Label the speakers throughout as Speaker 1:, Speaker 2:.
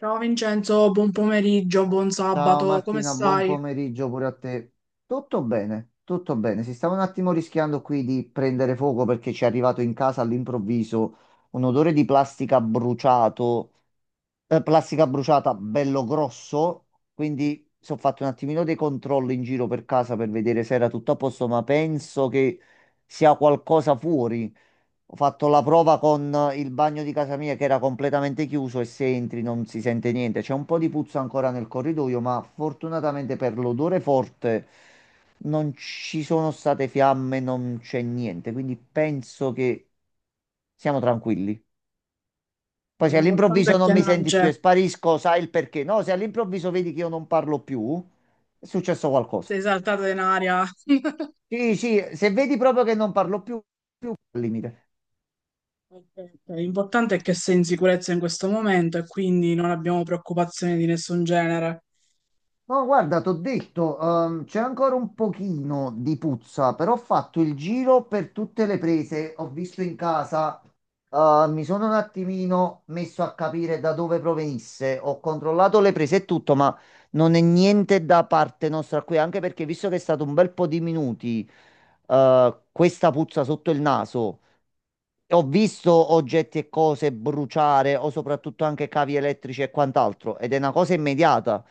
Speaker 1: Ciao Vincenzo, buon pomeriggio, buon
Speaker 2: Ciao
Speaker 1: sabato, come
Speaker 2: Martina, buon
Speaker 1: stai?
Speaker 2: pomeriggio pure a te. Tutto bene, tutto bene. Si stava un attimo rischiando qui di prendere fuoco perché ci è arrivato in casa all'improvviso un odore di plastica bruciato, plastica bruciata bello grosso, quindi ho fatto un attimino dei controlli in giro per casa per vedere se era tutto a posto, ma penso che sia qualcosa fuori. Ho fatto la prova con il bagno di casa mia che era completamente chiuso e se entri non si sente niente. C'è un po' di puzza ancora nel corridoio, ma fortunatamente per l'odore forte non ci sono state fiamme, non c'è niente. Quindi penso che siamo tranquilli. Poi se
Speaker 1: L'importante
Speaker 2: all'improvviso
Speaker 1: è
Speaker 2: non
Speaker 1: che
Speaker 2: mi
Speaker 1: non
Speaker 2: senti più
Speaker 1: c'è,
Speaker 2: e sparisco, sai il perché. No, se all'improvviso vedi che io non parlo più, è successo qualcosa.
Speaker 1: sei saltata in aria.
Speaker 2: Sì, sì, se vedi proprio che non parlo più, al limite.
Speaker 1: Ok, ok. L'importante è che sei in sicurezza in questo momento e quindi non abbiamo preoccupazioni di nessun genere.
Speaker 2: No, guarda, t'ho detto, c'è ancora un pochino di puzza, però ho fatto il giro per tutte le prese, ho visto in casa, mi sono un attimino messo a capire da dove provenisse, ho controllato le prese e tutto, ma non è niente da parte nostra qui, anche perché visto che è stato un bel po' di minuti, questa puzza sotto il naso. Ho visto oggetti e cose bruciare o soprattutto anche cavi elettrici e quant'altro ed è una cosa immediata.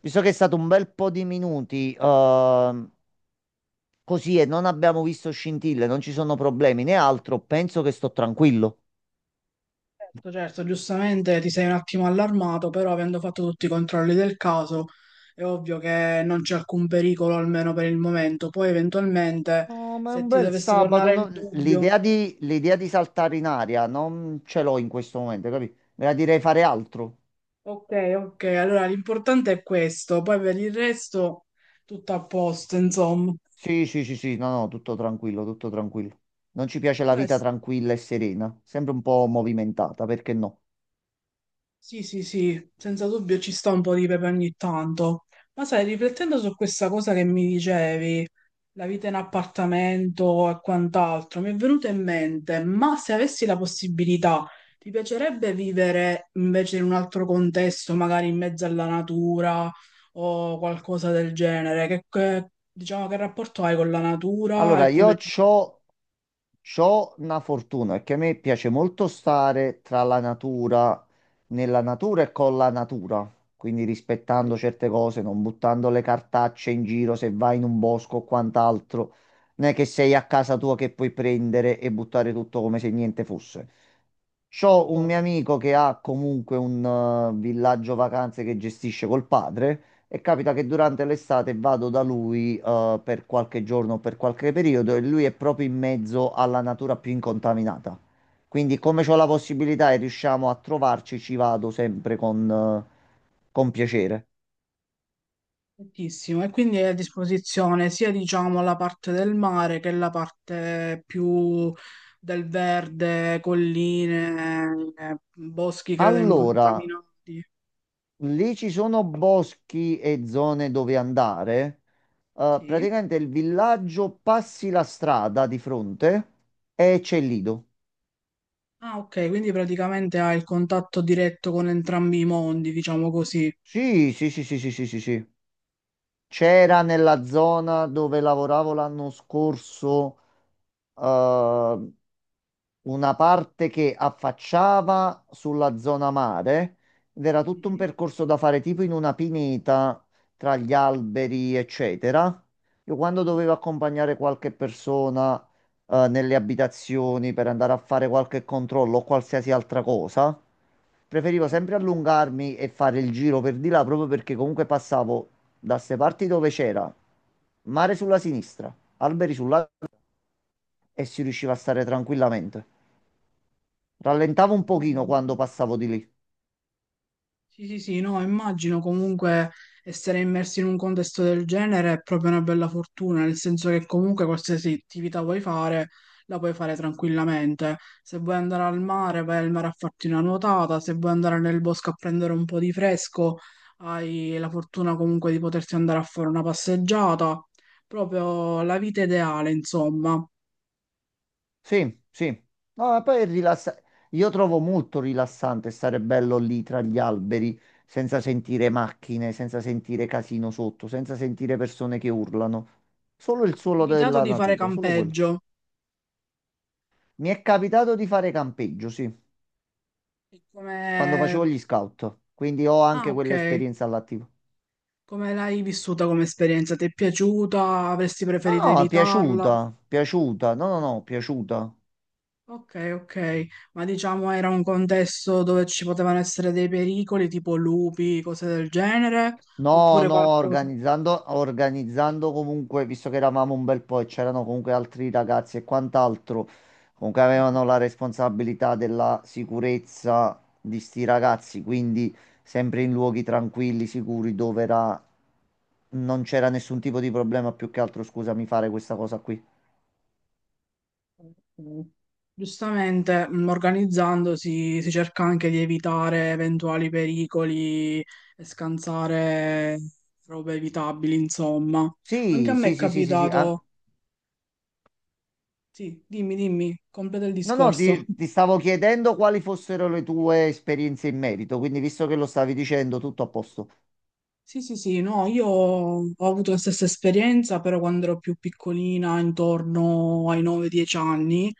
Speaker 2: Visto che è stato un bel po' di minuti così e non abbiamo visto scintille, non ci sono problemi né altro, penso che sto tranquillo.
Speaker 1: Certo, certo, giustamente ti sei un attimo allarmato, però avendo fatto tutti i controlli del caso è ovvio che non c'è alcun pericolo, almeno per il momento. Poi eventualmente,
Speaker 2: No, ma è
Speaker 1: se
Speaker 2: un
Speaker 1: ti
Speaker 2: bel
Speaker 1: dovesse
Speaker 2: sabato,
Speaker 1: tornare il
Speaker 2: no?
Speaker 1: dubbio.
Speaker 2: L'idea di saltare in aria non ce l'ho in questo momento, capito? Me la direi fare altro.
Speaker 1: Ok, ok, allora l'importante è questo, poi per il resto tutto a posto, insomma.
Speaker 2: Sì, sì, sì, sì, no, no, tutto tranquillo, tutto tranquillo. Non ci piace
Speaker 1: Ma
Speaker 2: la
Speaker 1: sai.
Speaker 2: vita tranquilla e serena, sempre un po' movimentata, perché no?
Speaker 1: Sì, sì, sì, senza dubbio ci sta un po' di pepe ogni tanto. Ma sai, riflettendo su questa cosa che mi dicevi, la vita in appartamento e quant'altro, mi è venuto in mente, ma se avessi la possibilità, ti piacerebbe vivere invece in un altro contesto, magari in mezzo alla natura o qualcosa del genere? Diciamo, che rapporto hai con la natura
Speaker 2: Allora,
Speaker 1: e
Speaker 2: io
Speaker 1: come ti
Speaker 2: c'ho, c'ho una fortuna, perché a me piace molto stare tra la natura, nella natura e con la natura, quindi rispettando certe cose, non buttando le cartacce in giro se vai in un bosco o quant'altro. Non è che sei a casa tua che puoi prendere e buttare tutto come se niente fosse. C'ho un mio
Speaker 1: trovi?
Speaker 2: amico che ha comunque un villaggio vacanze che gestisce col padre. E capita che durante l'estate vado da lui, per qualche giorno, per qualche periodo, e lui è proprio in mezzo alla natura più incontaminata. Quindi, come ho la possibilità e riusciamo a trovarci, ci vado sempre con piacere.
Speaker 1: Tantissimo, e quindi è a disposizione sia diciamo la parte del mare che la parte più del verde, colline, boschi credo
Speaker 2: Allora,
Speaker 1: incontaminati.
Speaker 2: lì ci sono boschi e zone dove andare.
Speaker 1: Sì,
Speaker 2: Praticamente il villaggio passi la strada di fronte e c'è
Speaker 1: sì.
Speaker 2: il lido.
Speaker 1: Ah, ok, quindi praticamente hai il contatto diretto con entrambi i mondi, diciamo così.
Speaker 2: Sì, sì, sì, sì, sì, sì, sì, sì. C'era
Speaker 1: Ok,
Speaker 2: nella zona dove lavoravo l'anno scorso, eh, una parte che affacciava sulla zona mare ed era tutto un percorso da fare tipo in una pineta tra gli alberi, eccetera. Io quando
Speaker 1: sì,
Speaker 2: dovevo accompagnare qualche persona nelle abitazioni per andare a fare qualche controllo o qualsiasi altra cosa, preferivo
Speaker 1: sì.
Speaker 2: sempre allungarmi e fare il giro per di là proprio perché comunque passavo da ste parti dove c'era mare sulla sinistra, alberi sulla, e si riusciva a stare tranquillamente. Rallentavo un pochino quando passavo di lì.
Speaker 1: Sì, sì, sì, no, immagino comunque essere immersi in un contesto del genere è proprio una bella fortuna, nel senso che comunque qualsiasi attività vuoi fare, la puoi fare tranquillamente. Se vuoi andare al mare, vai al mare a farti una nuotata, se vuoi andare nel bosco a prendere un po' di fresco, hai la fortuna comunque di poterti andare a fare una passeggiata, proprio la vita ideale, insomma.
Speaker 2: Sì, sì. No, ma poi io trovo molto rilassante stare bello lì tra gli alberi, senza sentire macchine, senza sentire casino sotto, senza sentire persone che urlano. Solo
Speaker 1: Mi
Speaker 2: il
Speaker 1: è
Speaker 2: suolo
Speaker 1: capitato
Speaker 2: della
Speaker 1: di fare
Speaker 2: natura, solo quello.
Speaker 1: campeggio,
Speaker 2: Mi è capitato di fare campeggio, sì,
Speaker 1: e
Speaker 2: quando
Speaker 1: come.
Speaker 2: facevo gli scout, quindi ho
Speaker 1: Ah,
Speaker 2: anche
Speaker 1: ok.
Speaker 2: quell'esperienza all'attivo.
Speaker 1: Come l'hai vissuta come esperienza? Ti è piaciuta? Avresti
Speaker 2: No,
Speaker 1: preferito
Speaker 2: no,
Speaker 1: evitarla?
Speaker 2: piaciuta, piaciuta, no, no,
Speaker 1: Ok,
Speaker 2: no, piaciuta.
Speaker 1: ok, ok. Ma diciamo era un contesto dove ci potevano essere dei pericoli tipo lupi, cose del genere,
Speaker 2: No,
Speaker 1: oppure
Speaker 2: no,
Speaker 1: qualcosa.
Speaker 2: organizzando, organizzando comunque, visto che eravamo un bel po' e c'erano comunque altri ragazzi e quant'altro, comunque avevano la responsabilità della sicurezza di sti ragazzi, quindi sempre in luoghi tranquilli, sicuri, dove era, non c'era nessun tipo di problema, più che altro, scusami, fare questa cosa qui.
Speaker 1: Ok. Giustamente, organizzandosi si cerca anche di evitare eventuali pericoli e scansare robe evitabili, insomma. Anche a
Speaker 2: Sì,
Speaker 1: me è
Speaker 2: sì, sì, sì, sì, sì. Ah.
Speaker 1: capitato. Sì, dimmi, dimmi, completa il
Speaker 2: No, no,
Speaker 1: discorso.
Speaker 2: ti stavo chiedendo quali fossero le tue esperienze in merito, quindi visto che lo stavi dicendo, tutto a posto.
Speaker 1: Sì, sì, sì, no, io ho avuto la stessa esperienza, però quando ero più piccolina, intorno ai 9-10 anni,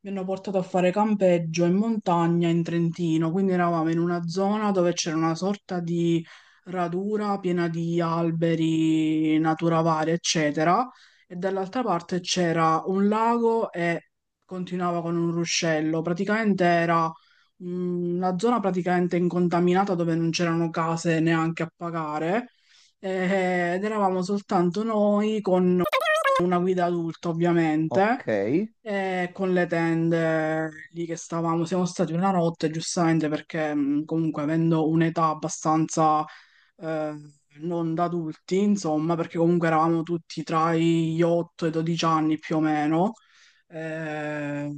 Speaker 1: mi hanno portato a fare campeggio in montagna in Trentino, quindi eravamo in una zona dove c'era una sorta di radura piena di alberi, natura varia, eccetera, e dall'altra parte c'era un lago e continuava con un ruscello, praticamente era la zona praticamente incontaminata dove non c'erano case neanche a pagare ed eravamo soltanto noi con una guida adulta ovviamente
Speaker 2: Ok.
Speaker 1: e con le tende lì che stavamo. Siamo stati una notte giustamente perché comunque avendo un'età abbastanza eh, non da adulti insomma perché comunque eravamo tutti tra gli 8 e i 12 anni più o meno. Eh,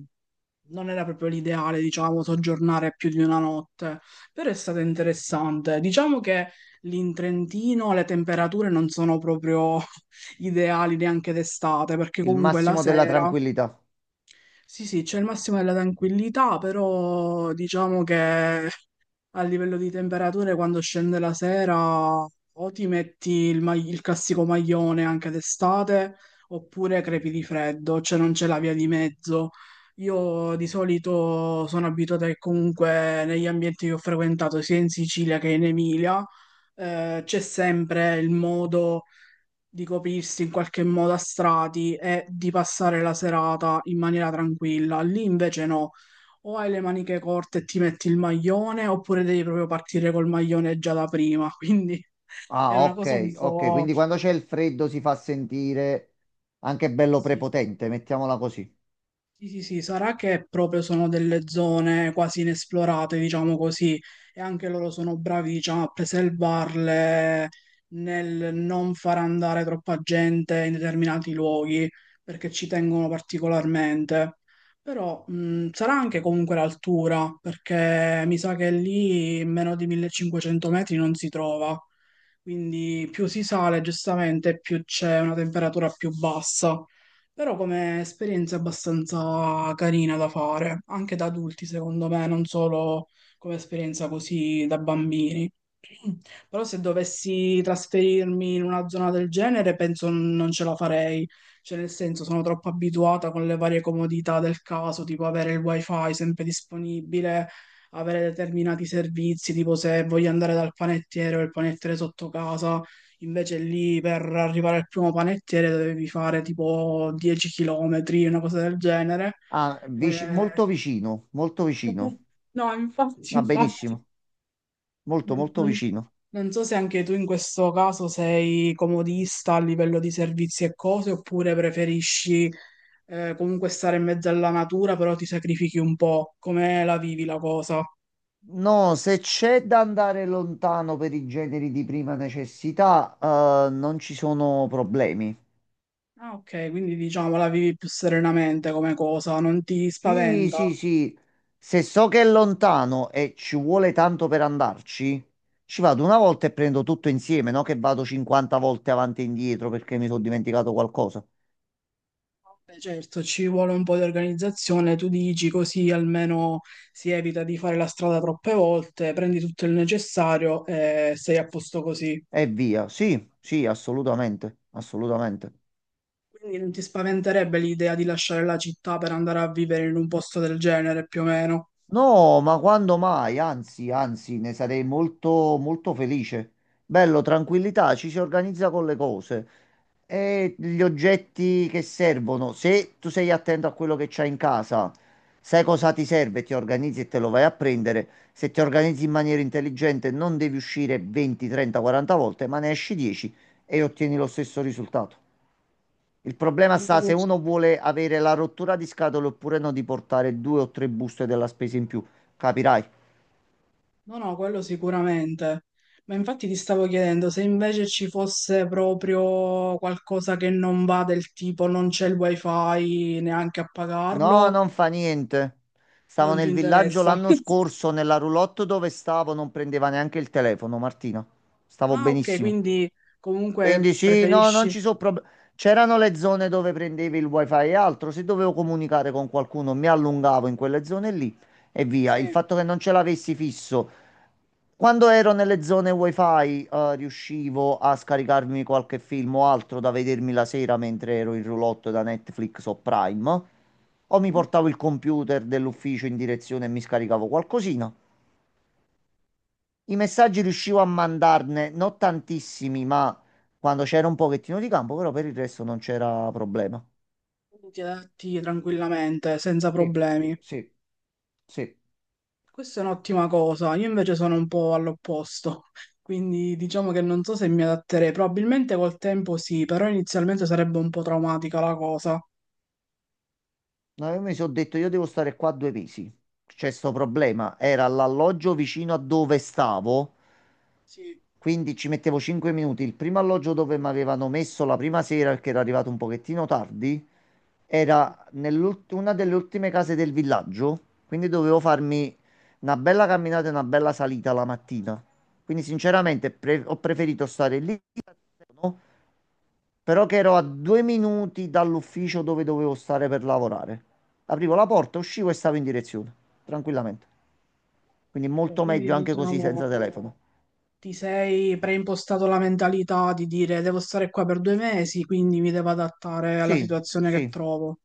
Speaker 1: Non era proprio l'ideale, diciamo, soggiornare più di una notte, però è stato interessante. Diciamo che lì in Trentino le temperature non sono proprio ideali neanche d'estate, perché
Speaker 2: Il
Speaker 1: comunque la
Speaker 2: massimo della
Speaker 1: sera,
Speaker 2: tranquillità.
Speaker 1: sì, sì, c'è il massimo della tranquillità, però diciamo che a livello di temperature, quando scende la sera, o ti metti il classico maglione anche d'estate, oppure crepi di freddo, cioè non c'è la via di mezzo. Io di solito sono abituata che comunque negli ambienti che ho frequentato, sia in Sicilia che in Emilia, c'è sempre il modo di coprirsi in qualche modo a strati e di passare la serata in maniera tranquilla. Lì invece no, o hai le maniche corte e ti metti il maglione, oppure devi proprio partire col maglione già da prima. Quindi è
Speaker 2: Ah,
Speaker 1: una cosa un
Speaker 2: ok, ok.
Speaker 1: po'.
Speaker 2: Quindi quando c'è il freddo si fa sentire anche bello
Speaker 1: Sì.
Speaker 2: prepotente, mettiamola così.
Speaker 1: Sì, sì, sì, sarà che proprio sono delle zone quasi inesplorate, diciamo così, e anche loro sono bravi, diciamo, a preservarle nel non far andare troppa gente in determinati luoghi, perché ci tengono particolarmente. Però sarà anche comunque l'altura, perché mi sa che lì meno di 1500 metri non si trova, quindi più si sale, giustamente, più c'è una temperatura più bassa. Però come esperienza è abbastanza carina da fare, anche da adulti secondo me, non solo come esperienza così da bambini. Però se dovessi trasferirmi in una zona del genere, penso non ce la farei. Cioè, nel senso, sono troppo abituata con le varie comodità del caso, tipo avere il wifi sempre disponibile, avere determinati servizi, tipo se voglio andare dal panettiere o il panettiere sotto casa, invece lì per arrivare al primo panettiere dovevi fare tipo 10 km, una cosa del genere.
Speaker 2: Ah,
Speaker 1: Eh,
Speaker 2: molto vicino, molto vicino.
Speaker 1: no, infatti,
Speaker 2: Va
Speaker 1: infatti,
Speaker 2: benissimo, molto, molto
Speaker 1: non,
Speaker 2: vicino.
Speaker 1: Non so se anche tu in questo caso sei comodista a livello di servizi e cose, oppure preferisci comunque stare in mezzo alla natura, però ti sacrifichi un po'. Come la vivi la cosa?
Speaker 2: No, se c'è da andare lontano per i generi di prima necessità, non ci sono problemi.
Speaker 1: Ah, ok, quindi diciamo la vivi più serenamente come cosa, non ti
Speaker 2: Sì,
Speaker 1: spaventa?
Speaker 2: sì, sì. Se so che è lontano e ci vuole tanto per andarci, ci vado una volta e prendo tutto insieme, no? Che vado 50 volte avanti e indietro perché mi sono dimenticato qualcosa.
Speaker 1: Vabbè, certo, ci vuole un po' di organizzazione, tu dici così almeno si evita di fare la strada troppe volte, prendi tutto il necessario e sei a posto così.
Speaker 2: E via. Sì, sì, assolutamente, assolutamente.
Speaker 1: Quindi non ti spaventerebbe l'idea di lasciare la città per andare a vivere in un posto del genere, più o meno?
Speaker 2: No, ma quando mai? Anzi, anzi, ne sarei molto, molto felice. Bello, tranquillità, ci si organizza con le cose. E gli oggetti che servono, se tu sei attento a quello che c'hai in casa, sai cosa
Speaker 1: Mm.
Speaker 2: ti serve, ti organizzi e te lo vai a prendere. Se ti organizzi in maniera intelligente, non devi uscire 20, 30, 40 volte, ma ne esci 10 e ottieni lo stesso risultato. Il
Speaker 1: Se
Speaker 2: problema
Speaker 1: invece
Speaker 2: sta se
Speaker 1: ci-
Speaker 2: uno vuole avere la rottura di scatole oppure no di portare due o tre buste della spesa in più. Capirai?
Speaker 1: No, no, quello sicuramente. Ma infatti ti stavo chiedendo se invece ci fosse proprio qualcosa che non va del tipo non c'è il wifi neanche a
Speaker 2: No,
Speaker 1: pagarlo,
Speaker 2: non fa niente. Stavo
Speaker 1: non ti
Speaker 2: nel villaggio
Speaker 1: interessa.
Speaker 2: l'anno scorso, nella roulotte dove stavo, non prendeva neanche il telefono, Martina. Stavo
Speaker 1: Ah, ok,
Speaker 2: benissimo.
Speaker 1: quindi
Speaker 2: Quindi
Speaker 1: comunque
Speaker 2: sì, no, non
Speaker 1: preferisci.
Speaker 2: ci sono problemi. C'erano le zone dove prendevi il wifi e altro, se dovevo comunicare con qualcuno mi allungavo in quelle zone lì e via.
Speaker 1: Sì.
Speaker 2: Il fatto che non ce l'avessi fisso, quando ero nelle zone wifi, riuscivo a scaricarmi qualche film o altro da vedermi la sera mentre ero in roulotte da Netflix o Prime, o mi
Speaker 1: Quindi
Speaker 2: portavo il computer dell'ufficio in direzione e mi scaricavo qualcosina. I messaggi riuscivo a mandarne, non tantissimi, ma quando c'era un pochettino di campo, però per il resto non c'era problema.
Speaker 1: ti adatti tranquillamente, senza
Speaker 2: Sì,
Speaker 1: problemi.
Speaker 2: sì, sì.
Speaker 1: Questa è un'ottima cosa, io invece sono un po' all'opposto, quindi diciamo che non so se mi adatterei, probabilmente col tempo sì, però inizialmente sarebbe un po' traumatica la cosa.
Speaker 2: No, io mi sono detto, io devo stare qua 2 mesi. C'è sto problema. Era l'alloggio vicino a dove stavo,
Speaker 1: Sì.
Speaker 2: quindi ci mettevo 5 minuti. Il primo alloggio dove mi avevano messo la prima sera, perché era arrivato un pochettino tardi. Era una delle ultime case del villaggio, quindi dovevo farmi una bella camminata e una bella salita la mattina. Quindi sinceramente ho preferito stare lì, no? Però che ero a 2 minuti dall'ufficio dove dovevo stare per lavorare. Aprivo la porta, uscivo e stavo in direzione, tranquillamente. Quindi
Speaker 1: Ok,
Speaker 2: molto
Speaker 1: quindi
Speaker 2: meglio anche così
Speaker 1: diciamo
Speaker 2: senza telefono.
Speaker 1: ti sei preimpostato la mentalità di dire devo stare qua per 2 mesi, quindi mi devo adattare alla
Speaker 2: Sì,
Speaker 1: situazione che
Speaker 2: sì,
Speaker 1: trovo.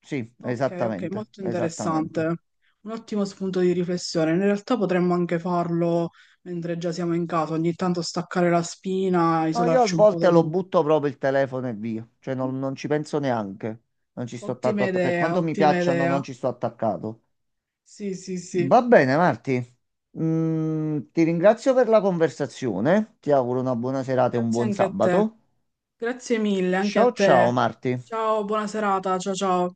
Speaker 2: sì,
Speaker 1: Ok, ok,
Speaker 2: esattamente,
Speaker 1: molto
Speaker 2: esattamente.
Speaker 1: interessante. Un ottimo spunto di riflessione. In realtà potremmo anche farlo mentre già siamo in casa, ogni tanto staccare la spina,
Speaker 2: No, io a
Speaker 1: isolarci un po'
Speaker 2: volte
Speaker 1: dal
Speaker 2: lo
Speaker 1: mondo.
Speaker 2: butto proprio il telefono e via, cioè non ci penso neanche, non ci sto tanto
Speaker 1: Ottima
Speaker 2: per
Speaker 1: idea,
Speaker 2: quanto mi
Speaker 1: ottima
Speaker 2: piacciono
Speaker 1: idea.
Speaker 2: non ci sto attaccato.
Speaker 1: Sì, sì, sì.
Speaker 2: Va bene, Marti. Ti ringrazio per la conversazione, ti auguro una buona serata e un
Speaker 1: Grazie
Speaker 2: buon
Speaker 1: anche a te.
Speaker 2: sabato.
Speaker 1: Grazie mille anche a
Speaker 2: Ciao ciao
Speaker 1: te.
Speaker 2: Marti.
Speaker 1: Ciao, buona serata. Ciao, ciao.